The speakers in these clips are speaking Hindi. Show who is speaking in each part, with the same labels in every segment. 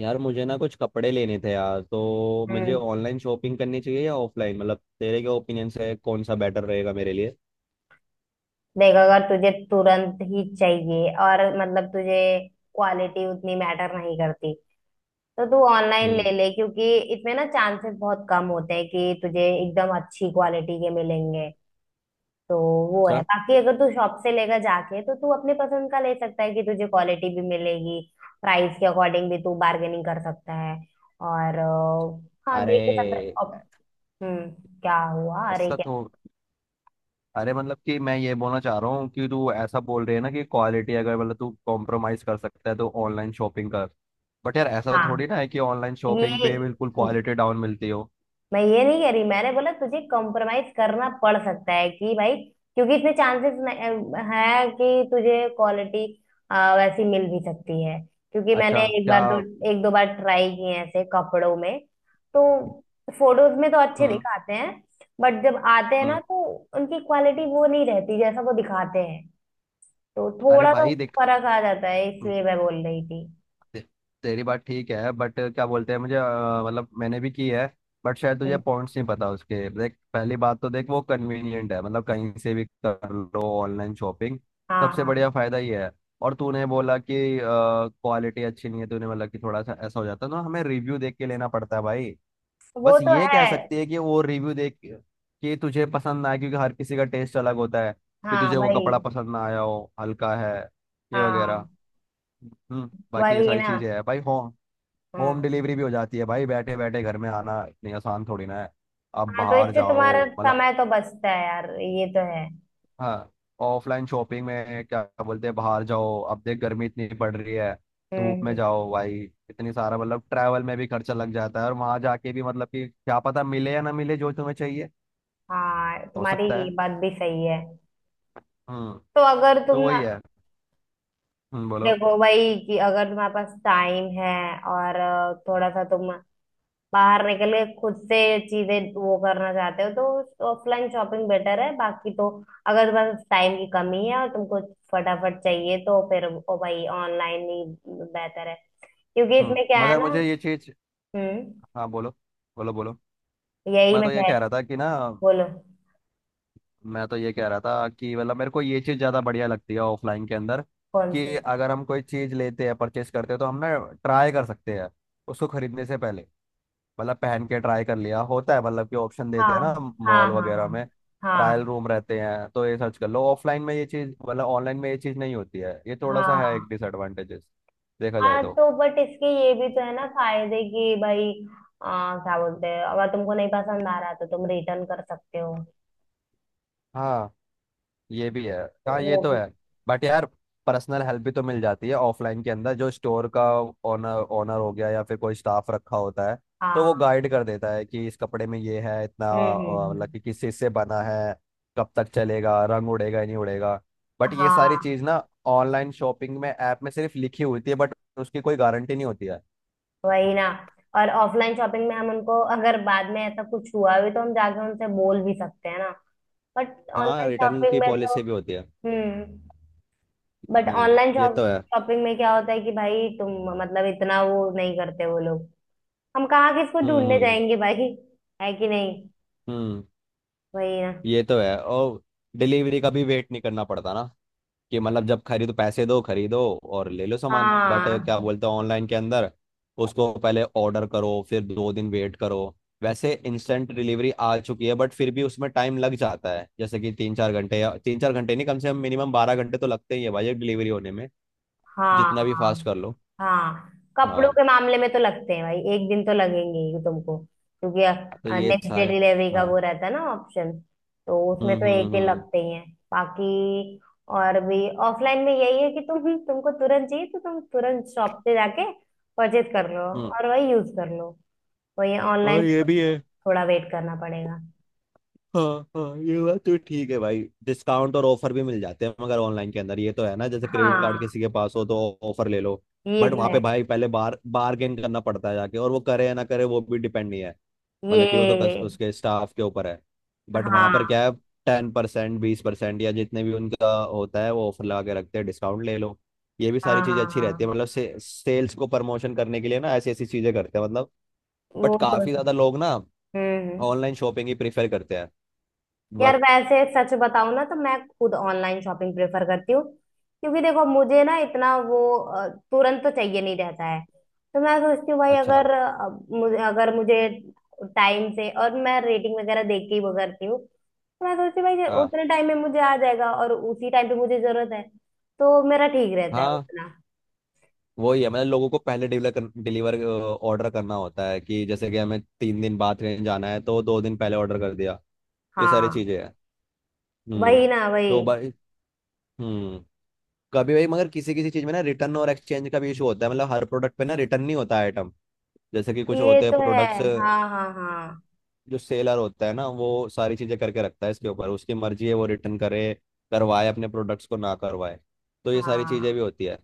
Speaker 1: यार, मुझे ना कुछ कपड़े लेने थे यार, तो मुझे
Speaker 2: हम्म।
Speaker 1: ऑनलाइन शॉपिंग करनी चाहिए या ऑफलाइन? मतलब तेरे क्या ओपिनियन से कौन सा बेटर रहेगा मेरे लिए?
Speaker 2: देख, अगर तुझे तुरंत ही चाहिए और मतलब तुझे क्वालिटी उतनी मैटर नहीं करती, तो तू ऑनलाइन
Speaker 1: हम्म।
Speaker 2: ले ले, क्योंकि इसमें ना चांसेस बहुत कम होते हैं कि तुझे एकदम अच्छी क्वालिटी के मिलेंगे। तो वो है।
Speaker 1: अच्छा।
Speaker 2: बाकी, अगर तू शॉप से लेकर जाके, तो तू अपने पसंद का ले सकता है कि तुझे क्वालिटी भी मिलेगी। प्राइस के अकॉर्डिंग भी तू बार्गेनिंग कर सकता है, और हाँ, देख भी सकता है
Speaker 1: अरे!
Speaker 2: अब। हम्म। क्या हुआ? अरे
Speaker 1: ऐसा
Speaker 2: क्या?
Speaker 1: तो अरे, मतलब कि मैं ये बोलना चाह रहा हूँ कि तू ऐसा बोल रही है ना कि क्वालिटी, अगर मतलब तू कॉम्प्रोमाइज कर सकता है तो ऑनलाइन शॉपिंग कर। बट यार, ऐसा
Speaker 2: हाँ,
Speaker 1: थोड़ी ना है कि ऑनलाइन
Speaker 2: ये
Speaker 1: शॉपिंग पे बिल्कुल क्वालिटी डाउन मिलती हो।
Speaker 2: मैं ये नहीं कह रही, मैंने बोला तुझे कॉम्प्रोमाइज करना पड़ सकता है कि भाई, क्योंकि इसमें चांसेस है कि तुझे क्वालिटी वैसी मिल भी सकती है। क्योंकि
Speaker 1: अच्छा
Speaker 2: मैंने एक
Speaker 1: क्या?
Speaker 2: बार दो, हाँ, एक दो बार ट्राई किए हैं ऐसे कपड़ों में। तो फोटोज में तो अच्छे
Speaker 1: हम्म।
Speaker 2: दिखाते हैं, बट जब आते हैं ना,
Speaker 1: हम्म।
Speaker 2: तो उनकी क्वालिटी वो नहीं रहती जैसा वो दिखाते हैं। तो
Speaker 1: अरे
Speaker 2: थोड़ा सा
Speaker 1: भाई देख।
Speaker 2: फर्क आ जाता है, इसलिए मैं बोल रही थी।
Speaker 1: ते- तेरी बात ठीक है, बट क्या बोलते हैं, मुझे मतलब मैंने भी की है। बट शायद तुझे
Speaker 2: हम्म,
Speaker 1: पॉइंट्स नहीं पता उसके। देख, पहली बात तो देख वो कन्वीनियंट है, मतलब कहीं से भी कर लो ऑनलाइन शॉपिंग।
Speaker 2: हाँ,
Speaker 1: सबसे बढ़िया
Speaker 2: हाँ।
Speaker 1: फायदा ये है। और तूने बोला कि क्वालिटी अच्छी नहीं है तूने, मतलब कि थोड़ा सा ऐसा हो जाता है ना, हमें रिव्यू देख के लेना पड़ता है भाई।
Speaker 2: वो
Speaker 1: बस
Speaker 2: तो
Speaker 1: ये कह
Speaker 2: है।
Speaker 1: सकती है कि वो रिव्यू देख के, कि तुझे पसंद ना आए, क्योंकि हर किसी का टेस्ट अलग होता है। कि
Speaker 2: हाँ
Speaker 1: तुझे वो
Speaker 2: भाई।
Speaker 1: कपड़ा पसंद ना आया हो, हल्का है, ये
Speaker 2: हाँ,
Speaker 1: वगैरह। हम्म। बाकी ये
Speaker 2: वही
Speaker 1: सारी
Speaker 2: ना।
Speaker 1: चीजें हैं भाई। हो होम
Speaker 2: हाँ,
Speaker 1: डिलीवरी भी हो जाती है भाई, बैठे बैठे घर में। आना इतनी आसान थोड़ी ना है, आप
Speaker 2: हाँ, तो
Speaker 1: बाहर
Speaker 2: इससे
Speaker 1: जाओ
Speaker 2: तुम्हारा
Speaker 1: मतलब।
Speaker 2: समय तो बचता है, यार, ये तो है।
Speaker 1: हाँ। ऑफलाइन शॉपिंग में क्या बोलते हैं, बाहर जाओ, अब देख गर्मी इतनी पड़ रही है,
Speaker 2: हम्म,
Speaker 1: धूप में जाओ भाई। इतनी सारा मतलब ट्रैवल में भी खर्चा लग जाता है, और वहां जाके भी मतलब कि क्या पता मिले या ना मिले जो तुम्हें चाहिए।
Speaker 2: हाँ,
Speaker 1: हो
Speaker 2: तुम्हारी
Speaker 1: सकता
Speaker 2: ये
Speaker 1: है।
Speaker 2: बात भी सही है।
Speaker 1: हम्म।
Speaker 2: तो अगर तुम
Speaker 1: तो
Speaker 2: ना,
Speaker 1: वही है। हम्म, बोलो।
Speaker 2: देखो भाई, कि अगर तुम्हारे पास टाइम है और थोड़ा सा तुम बाहर निकल के खुद से चीजें वो करना चाहते हो, तो ऑफलाइन शॉपिंग बेटर है। बाकी तो, अगर तुम्हारे पास टाइम की कमी है और तुमको फटाफट चाहिए, तो फिर ओ भाई, ऑनलाइन ही बेहतर है, क्योंकि इसमें क्या है
Speaker 1: मगर
Speaker 2: ना।
Speaker 1: मुझे ये चीज
Speaker 2: हम्म।
Speaker 1: हाँ, बोलो, बोलो, बोलो।
Speaker 2: यही
Speaker 1: मैं
Speaker 2: मैं,
Speaker 1: तो ये
Speaker 2: क्या है,
Speaker 1: कह रहा था कि ना
Speaker 2: बोलो।
Speaker 1: मैं तो ये कह रहा था कि मतलब मेरे को ये चीज़ ज़्यादा बढ़िया लगती है ऑफलाइन के अंदर।
Speaker 2: कौन
Speaker 1: कि
Speaker 2: सी?
Speaker 1: अगर हम कोई चीज़ लेते हैं, परचेस करते हैं, तो हम ना ट्राई कर सकते हैं उसको खरीदने से पहले। मतलब पहन के ट्राई कर लिया होता है, मतलब कि ऑप्शन देते हैं ना
Speaker 2: हाँ, हाँ,
Speaker 1: मॉल वगैरह
Speaker 2: हाँ,
Speaker 1: में। ट्रायल
Speaker 2: हाँ,
Speaker 1: रूम रहते हैं, तो ये सर्च कर लो ऑफलाइन में, ये चीज़, मतलब ऑनलाइन में ये चीज़ नहीं होती है, ये थोड़ा
Speaker 2: हाँ,
Speaker 1: सा है,
Speaker 2: हाँ,
Speaker 1: एक डिसएडवांटेजेस देखा जाए
Speaker 2: हाँ,
Speaker 1: तो।
Speaker 2: तो बट इसके ये भी तो है ना फायदे, कि भाई क्या बोलते हैं, अगर तुमको नहीं पसंद आ रहा तो तुम रिटर्न कर सकते हो।
Speaker 1: हाँ, ये भी है।
Speaker 2: तो
Speaker 1: हाँ, ये
Speaker 2: वो
Speaker 1: तो
Speaker 2: भी।
Speaker 1: है। बट यार, पर्सनल हेल्प भी तो मिल जाती है ऑफलाइन के अंदर, जो स्टोर का ओनर, ओनर हो गया या फिर कोई स्टाफ रखा होता है। तो वो
Speaker 2: हाँ,
Speaker 1: गाइड कर देता है कि इस कपड़े में ये है, इतना
Speaker 2: हम्म, हम्म,
Speaker 1: मतलब
Speaker 2: हम्म,
Speaker 1: कि किस चीज़ से बना है, कब तक चलेगा, रंग उड़ेगा या नहीं उड़ेगा। बट ये सारी
Speaker 2: हाँ,
Speaker 1: चीज़ ना ऑनलाइन शॉपिंग में, ऐप में सिर्फ लिखी होती है, बट उसकी कोई गारंटी नहीं होती है।
Speaker 2: वही ना। और ऑफलाइन शॉपिंग में हम उनको, अगर बाद में ऐसा कुछ हुआ भी, तो हम जाके उनसे बोल भी सकते हैं ना। बट
Speaker 1: हाँ,
Speaker 2: ऑनलाइन
Speaker 1: रिटर्न
Speaker 2: शॉपिंग
Speaker 1: की
Speaker 2: में तो।
Speaker 1: पॉलिसी भी होती है।
Speaker 2: हम्म। But online
Speaker 1: hmm. ये तो है।
Speaker 2: शॉपिंग में क्या होता है कि भाई तुम, मतलब इतना वो नहीं करते वो लोग। हम कहाँ किसको
Speaker 1: हम्म,
Speaker 2: ढूंढने
Speaker 1: हम्म,
Speaker 2: जाएंगे भाई? है कि नहीं?
Speaker 1: हम्म,
Speaker 2: वही ना।
Speaker 1: ये तो है। और डिलीवरी का भी वेट नहीं करना पड़ता ना, कि मतलब जब खरीदो, पैसे दो, खरीदो और ले लो सामान, बट क्या
Speaker 2: हाँ,
Speaker 1: बोलते हैं ऑनलाइन के अंदर, उसको पहले ऑर्डर करो फिर 2 दिन वेट करो। वैसे इंस्टेंट डिलीवरी आ चुकी है, बट फिर भी उसमें टाइम लग जाता है, जैसे कि 3-4 घंटे, या 3-4 घंटे नहीं, कम से कम मिनिमम 12 घंटे तो लगते ही है भाई एक डिलीवरी होने में,
Speaker 2: हाँ,
Speaker 1: जितना भी
Speaker 2: हाँ,
Speaker 1: फास्ट कर लो।
Speaker 2: हाँ, कपड़ों
Speaker 1: हाँ,
Speaker 2: के मामले में तो लगते हैं भाई, एक दिन तो लगेंगे ही तुमको, क्योंकि
Speaker 1: तो ये
Speaker 2: नेक्स्ट
Speaker 1: सा
Speaker 2: डे
Speaker 1: है।
Speaker 2: डिलीवरी का वो
Speaker 1: हाँ।
Speaker 2: रहता है ना ऑप्शन। तो उसमें
Speaker 1: हम्म,
Speaker 2: तो एक
Speaker 1: हम्म,
Speaker 2: दिन
Speaker 1: हम्म,
Speaker 2: लगते ही हैं। बाकी, और भी ऑफलाइन में यही है कि तुमको तुरंत चाहिए तो तुम तुरंत शॉप पे जाके परचेज कर लो
Speaker 1: हम्म।
Speaker 2: और वही यूज कर लो। वही
Speaker 1: और
Speaker 2: ऑनलाइन में
Speaker 1: ये भी
Speaker 2: तो
Speaker 1: है।
Speaker 2: थोड़ा वेट करना पड़ेगा।
Speaker 1: हाँ। हाँ, ये बात तो ठीक है भाई। डिस्काउंट और ऑफर भी मिल जाते हैं मगर ऑनलाइन के अंदर, ये तो है ना, जैसे क्रेडिट कार्ड
Speaker 2: हाँ,
Speaker 1: किसी के पास हो तो ऑफर ले लो।
Speaker 2: ये
Speaker 1: बट
Speaker 2: तो
Speaker 1: वहां पे
Speaker 2: है।
Speaker 1: भाई पहले बार बार्गेन करना पड़ता है जाके, और वो करे या ना करे वो भी डिपेंड नहीं है, मतलब कि वो तो
Speaker 2: ये,
Speaker 1: उसके स्टाफ के ऊपर है। बट वहां पर
Speaker 2: हाँ,
Speaker 1: क्या है, 10%, 20%, या जितने भी उनका होता है वो ऑफर लगा के रखते हैं, डिस्काउंट ले लो। ये भी सारी
Speaker 2: हाँ,
Speaker 1: चीजें
Speaker 2: हाँ,
Speaker 1: अच्छी रहती है,
Speaker 2: हाँ।
Speaker 1: मतलब सेल्स को प्रमोशन करने के लिए ना ऐसी ऐसी चीजें करते हैं मतलब। बट
Speaker 2: वो तो
Speaker 1: काफी
Speaker 2: है।
Speaker 1: ज्यादा लोग ना
Speaker 2: हम्म,
Speaker 1: ऑनलाइन शॉपिंग ही प्रेफर करते हैं
Speaker 2: यार,
Speaker 1: बट।
Speaker 2: वैसे सच बताऊं ना, तो मैं खुद ऑनलाइन शॉपिंग प्रेफर करती हूँ, क्योंकि देखो मुझे ना इतना वो तुरंत तो चाहिए नहीं रहता है। तो मैं सोचती हूँ भाई,
Speaker 1: अच्छा।
Speaker 2: अगर मुझे टाइम से और मैं रेटिंग वगैरह देख के ही वो करती हूँ, तो मैं सोचती हूँ भाई कि
Speaker 1: हाँ,
Speaker 2: उतने टाइम में मुझे आ जाएगा और उसी टाइम पे मुझे जरूरत है। तो मेरा ठीक रहता है
Speaker 1: हाँ।
Speaker 2: उतना।
Speaker 1: वही है, मतलब लोगों को पहले डिलीवर ऑर्डर करना होता है, कि जैसे कि हमें 3 दिन बाद ट्रेन जाना है तो 2 दिन पहले ऑर्डर कर दिया। ये सारी
Speaker 2: हाँ,
Speaker 1: चीजें हैं। हम्म।
Speaker 2: वही ना, वही।
Speaker 1: तो भाई। हम्म। कभी भाई, मगर किसी किसी चीज में ना रिटर्न और एक्सचेंज का भी इशू होता है, मतलब हर प्रोडक्ट पे ना रिटर्न नहीं होता आइटम, जैसे कि कुछ
Speaker 2: ये
Speaker 1: होते हैं
Speaker 2: तो है।
Speaker 1: प्रोडक्ट्स,
Speaker 2: हाँ, हाँ, हाँ,
Speaker 1: जो सेलर होता है ना वो सारी चीजें करके रखता है, इसके ऊपर उसकी मर्जी है वो रिटर्न करे, करवाए अपने प्रोडक्ट्स को, ना करवाए। तो ये सारी चीजें
Speaker 2: हाँ।
Speaker 1: भी होती है।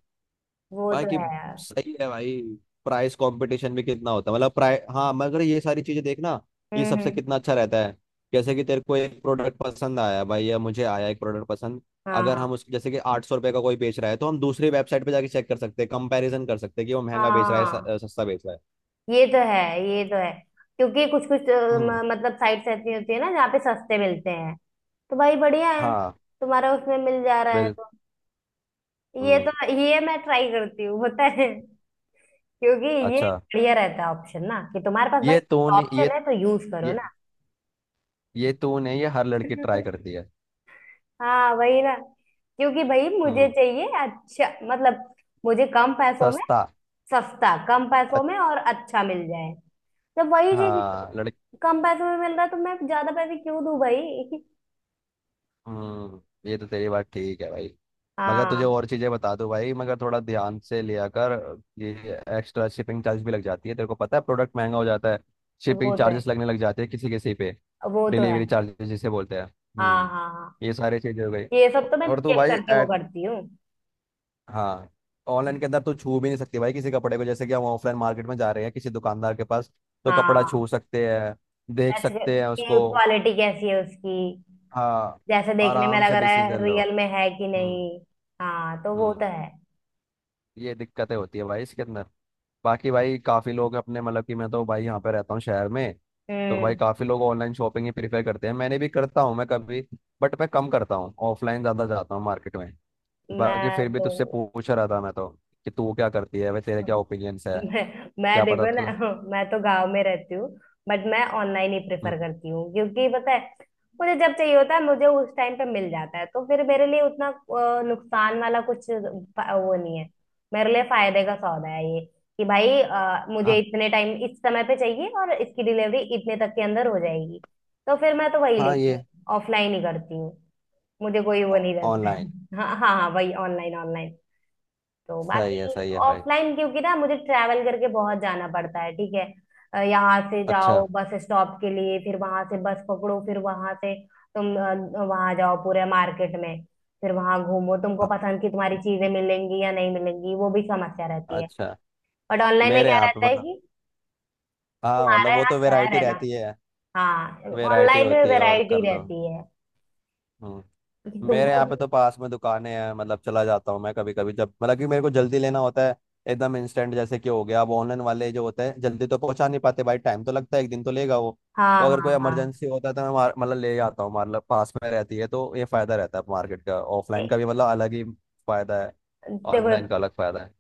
Speaker 2: वो तो
Speaker 1: बाकी
Speaker 2: है यार।
Speaker 1: सही है भाई। प्राइस कंपटीशन भी कितना होता है, मतलब प्राइस, हाँ, मगर ये सारी चीजें देखना, ये
Speaker 2: हम्म,
Speaker 1: सबसे कितना अच्छा रहता है। जैसे कि तेरे को एक प्रोडक्ट पसंद आया भाई, या मुझे आया एक प्रोडक्ट पसंद,
Speaker 2: हाँ,
Speaker 1: अगर
Speaker 2: हाँ,
Speaker 1: हम उसको, जैसे कि 800 रुपये का कोई बेच रहा है, तो हम दूसरी वेबसाइट पे जाके चेक कर सकते हैं, कंपैरिजन कर सकते हैं कि वो
Speaker 2: समझ रहे
Speaker 1: महंगा बेच
Speaker 2: हो?
Speaker 1: रहा है
Speaker 2: हाँ,
Speaker 1: सस्ता बेच रहा है।
Speaker 2: ये तो है, ये तो है। क्योंकि कुछ कुछ
Speaker 1: हम्म।
Speaker 2: मतलब साइट्स ऐसी होती है ना जहाँ पे सस्ते मिलते हैं। तो भाई बढ़िया है,
Speaker 1: हाँ।
Speaker 2: तुम्हारा उसमें मिल जा रहा है
Speaker 1: बिल।
Speaker 2: तो।
Speaker 1: हम्म।
Speaker 2: ये मैं ट्राई करती हूँ पता है, क्योंकि ये
Speaker 1: अच्छा।
Speaker 2: बढ़िया रहता है ऑप्शन ना कि तुम्हारे पास भाई।
Speaker 1: ये तो ने
Speaker 2: ऑप्शन है तो यूज करो
Speaker 1: ये
Speaker 2: ना।
Speaker 1: ये तो ने ये हर लड़की ट्राई करती है।
Speaker 2: हाँ, वही ना। क्योंकि भाई मुझे
Speaker 1: हम्म।
Speaker 2: चाहिए अच्छा, मतलब, मुझे कम पैसों में
Speaker 1: सस्ता
Speaker 2: सस्ता, कम
Speaker 1: अ-
Speaker 2: पैसों में और अच्छा मिल जाए, तो वही चीज।
Speaker 1: हाँ, लड़की।
Speaker 2: कम पैसों में मिल रहा है, तो मैं ज्यादा पैसे क्यों दूं भाई?
Speaker 1: हम्म। ये तो तेरी बात ठीक है भाई, मगर
Speaker 2: हाँ,
Speaker 1: तुझे
Speaker 2: हाँ,
Speaker 1: और चीजें बता दूं भाई, मगर थोड़ा ध्यान से लिया कर। ये एक्स्ट्रा शिपिंग चार्ज भी लग जाती है, तेरे को पता है, प्रोडक्ट महंगा हो जाता है, शिपिंग
Speaker 2: वो तो है,
Speaker 1: चार्जेस लगने लग जाते हैं किसी किसी पे,
Speaker 2: वो तो है।
Speaker 1: डिलीवरी चार्जेस जिसे बोलते हैं।
Speaker 2: हाँ,
Speaker 1: हम्म।
Speaker 2: हाँ, हाँ,
Speaker 1: ये सारी चीजें हो गई।
Speaker 2: ये सब तो मैं
Speaker 1: और तू
Speaker 2: चेक
Speaker 1: भाई
Speaker 2: करके वो
Speaker 1: एट।
Speaker 2: करती हूँ।
Speaker 1: हाँ। ऑनलाइन के अंदर तू छू भी नहीं सकती भाई किसी कपड़े को, जैसे कि हम ऑफलाइन मार्केट में जा रहे हैं किसी दुकानदार के पास, तो कपड़ा
Speaker 2: हाँ,
Speaker 1: छू सकते हैं, देख
Speaker 2: टच
Speaker 1: सकते हैं
Speaker 2: की
Speaker 1: उसको।
Speaker 2: क्वालिटी कैसी है उसकी,
Speaker 1: हाँ।
Speaker 2: जैसे देखने में
Speaker 1: आराम
Speaker 2: लग
Speaker 1: से
Speaker 2: रहा है
Speaker 1: डिसीजन लो।
Speaker 2: रियल में है कि
Speaker 1: हम्म।
Speaker 2: नहीं। हाँ, तो वो तो
Speaker 1: हम्म।
Speaker 2: है।
Speaker 1: ये दिक्कतें होती है भाई इसके अंदर। बाकी भाई काफी लोग अपने, मतलब कि मैं तो भाई यहाँ पे रहता हूँ शहर में, तो भाई
Speaker 2: हम्म।
Speaker 1: काफी लोग ऑनलाइन शॉपिंग ही प्रीफर करते हैं, मैंने भी करता हूँ मैं कभी, बट मैं कम करता हूँ, ऑफलाइन ज्यादा जाता हूँ मार्केट में। बाकी फिर
Speaker 2: मैं
Speaker 1: भी
Speaker 2: तो
Speaker 1: तुझसे पूछ रहा था मैं तो, कि तू क्या करती है भाई, तेरे क्या ओपिनियंस है,
Speaker 2: मैं मैं
Speaker 1: क्या पता
Speaker 2: देखो ना।
Speaker 1: तो।
Speaker 2: मैं तो गांव में रहती हूँ, बट मैं ऑनलाइन ही
Speaker 1: हम्म,
Speaker 2: प्रेफर करती हूँ, क्योंकि पता है मुझे जब चाहिए होता है मुझे उस टाइम पे मिल जाता है, तो फिर मेरे लिए उतना नुकसान वाला कुछ वो नहीं है। मेरे लिए फायदे का सौदा है ये, कि भाई, मुझे
Speaker 1: हाँ,
Speaker 2: इतने टाइम इस समय पे चाहिए और इसकी डिलीवरी इतने तक के अंदर हो जाएगी। तो फिर मैं तो वही
Speaker 1: हाँ।
Speaker 2: लेती हूँ,
Speaker 1: ये
Speaker 2: ऑफलाइन ही करती हूँ। मुझे कोई वो नहीं रहता है।
Speaker 1: ऑनलाइन।
Speaker 2: हाँ, हाँ, हाँ, वही, ऑनलाइन, ऑनलाइन। तो
Speaker 1: सही है,
Speaker 2: बाकी
Speaker 1: सही है भाई।
Speaker 2: ऑफलाइन, क्योंकि ना मुझे ट्रैवल करके बहुत जाना पड़ता है, ठीक है? यहाँ से
Speaker 1: अच्छा।
Speaker 2: जाओ बस स्टॉप के लिए, फिर वहां से बस पकड़ो, फिर वहां से तुम वहां जाओ पूरे मार्केट में, फिर वहां घूमो, तुमको
Speaker 1: हाँ,
Speaker 2: पसंद की तुम्हारी चीजें मिलेंगी या नहीं मिलेंगी, वो भी समस्या रहती है।
Speaker 1: अच्छा।
Speaker 2: बट ऑनलाइन में
Speaker 1: मेरे
Speaker 2: क्या
Speaker 1: यहाँ पे
Speaker 2: रहता है
Speaker 1: मतलब,
Speaker 2: कि,
Speaker 1: हाँ,
Speaker 2: तुम्हारा
Speaker 1: मतलब वो
Speaker 2: यहाँ
Speaker 1: तो
Speaker 2: शहर
Speaker 1: वैरायटी
Speaker 2: है ना।
Speaker 1: रहती है।
Speaker 2: हाँ,
Speaker 1: वैरायटी
Speaker 2: ऑनलाइन में
Speaker 1: होती है और
Speaker 2: वैरायटी
Speaker 1: कर लो।
Speaker 2: रहती है
Speaker 1: हम्म।
Speaker 2: कि
Speaker 1: मेरे
Speaker 2: तुमको।
Speaker 1: यहाँ पे तो पास में दुकानें हैं, मतलब चला जाता हूँ मैं कभी कभी जब, मतलब कि मेरे को जल्दी लेना होता है, एकदम इंस्टेंट जैसे कि हो गया, अब ऑनलाइन वाले जो होते हैं जल्दी तो पहुंचा नहीं पाते भाई, टाइम तो लगता है, एक दिन तो लेगा वो। तो
Speaker 2: हाँ,
Speaker 1: अगर
Speaker 2: हाँ,
Speaker 1: कोई
Speaker 2: हाँ,
Speaker 1: इमरजेंसी होता है तो मैं मतलब ले जाता हूँ, मतलब पास में रहती है तो ये फायदा रहता है मार्केट का
Speaker 2: ए,
Speaker 1: ऑफलाइन का भी, मतलब अलग ही फायदा है,
Speaker 2: देखो,
Speaker 1: ऑनलाइन का अलग फायदा है।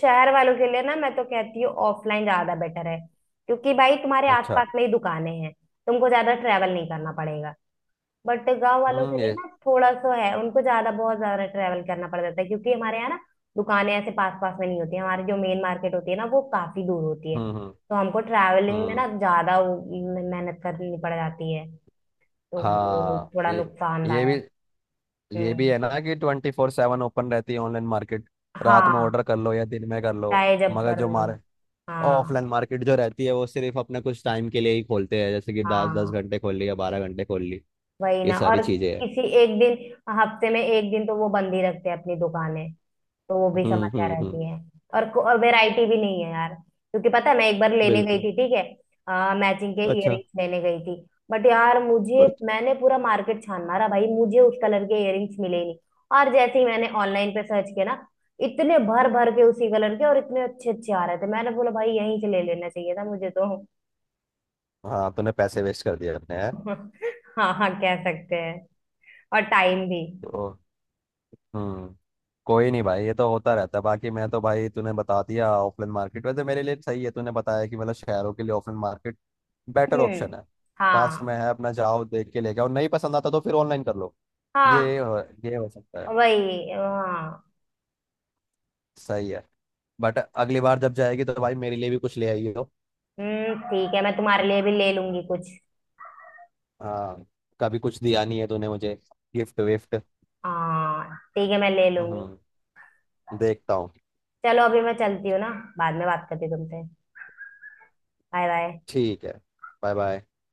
Speaker 2: शहर वालों के लिए ना, मैं तो कहती हूँ ऑफलाइन ज्यादा बेटर है, क्योंकि भाई तुम्हारे
Speaker 1: अच्छा।
Speaker 2: आसपास में ही दुकानें हैं, तुमको ज्यादा ट्रैवल नहीं करना पड़ेगा। बट गांव वालों के
Speaker 1: हम्म।
Speaker 2: लिए
Speaker 1: ये।
Speaker 2: ना थोड़ा सा है, उनको ज्यादा, बहुत ज्यादा ट्रैवल करना पड़ जाता है, क्योंकि हमारे यहाँ ना दुकानें ऐसे पास पास में नहीं होती हैं। हमारी जो मेन मार्केट होती है ना, वो काफी दूर होती है।
Speaker 1: हम्म, हम्म,
Speaker 2: तो हमको ट्रैवलिंग में
Speaker 1: हम्म।
Speaker 2: ना ज्यादा वो मेहनत करनी पड़ जाती है। तो वो
Speaker 1: हाँ,
Speaker 2: थोड़ा
Speaker 1: ये भी
Speaker 2: नुकसानदायक।
Speaker 1: ये भी
Speaker 2: हम्म,
Speaker 1: है ना कि 24/7 ओपन रहती है ऑनलाइन मार्केट। रात में
Speaker 2: हाँ,
Speaker 1: ऑर्डर कर लो या दिन में कर लो।
Speaker 2: चाहे जब
Speaker 1: मगर
Speaker 2: कर
Speaker 1: जो
Speaker 2: लो।
Speaker 1: मार
Speaker 2: हाँ,
Speaker 1: ऑफलाइन मार्केट जो रहती है वो सिर्फ अपने कुछ टाइम के लिए ही खोलते हैं, जैसे कि दस दस
Speaker 2: हाँ,
Speaker 1: घंटे खोल ली या 12 घंटे खोल ली।
Speaker 2: वही
Speaker 1: ये
Speaker 2: ना।
Speaker 1: सारी
Speaker 2: और
Speaker 1: चीजें हैं।
Speaker 2: किसी एक दिन, हफ्ते में एक दिन तो वो बंद ही रखते हैं अपनी दुकानें। तो वो भी
Speaker 1: हम्म।
Speaker 2: समस्या
Speaker 1: हम्म। हम्म।
Speaker 2: रहती है। और वैरायटी भी नहीं है यार, क्योंकि पता है मैं एक बार लेने गई
Speaker 1: बिल्कुल।
Speaker 2: थी, ठीक है? मैचिंग के
Speaker 1: अच्छा।
Speaker 2: इयररिंग्स लेने गई थी, बट यार मुझे,
Speaker 1: अच्छा।
Speaker 2: मैंने पूरा मार्केट छान मारा भाई, मुझे उस कलर के इयररिंग्स मिले ही नहीं। और जैसे ही मैंने ऑनलाइन पे सर्च किया ना, इतने भर भर के उसी कलर के और इतने अच्छे अच्छे आ रहे थे, मैंने बोला भाई यहीं से ले लेना चाहिए था मुझे तो।
Speaker 1: हाँ, तूने पैसे वेस्ट कर दिए अपने यार।
Speaker 2: हाँ, हाँ, कह सकते हैं। और टाइम भी।
Speaker 1: तो, हम्म। कोई नहीं भाई, ये तो होता रहता है, बाकी मैं तो भाई तूने बता दिया ऑफलाइन मार्केट वैसे मेरे लिए सही है, तूने बताया कि मतलब शहरों के लिए ऑफलाइन मार्केट बेटर
Speaker 2: हम्म,
Speaker 1: ऑप्शन है। पास
Speaker 2: हाँ,
Speaker 1: में है अपना, जाओ देख के लेके आओ, नहीं पसंद आता तो फिर ऑनलाइन कर लो।
Speaker 2: हाँ,
Speaker 1: ये हो, ये हो सकता है।
Speaker 2: वही, हाँ।
Speaker 1: सही है। बट अगली बार जब जाएगी तो भाई मेरे लिए भी कुछ ले आई हो।
Speaker 2: हम्म, ठीक है, मैं तुम्हारे लिए भी ले लूंगी कुछ।
Speaker 1: हाँ। कभी कुछ दिया नहीं है तूने मुझे, गिफ्ट विफ्ट।
Speaker 2: हाँ, ठीक है, मैं ले लूंगी।
Speaker 1: हम्म। देखता हूँ।
Speaker 2: चलो अभी मैं चलती हूँ ना, बाद में बात करती हूँ तुमसे। Bye bye.
Speaker 1: ठीक है। Bye bye.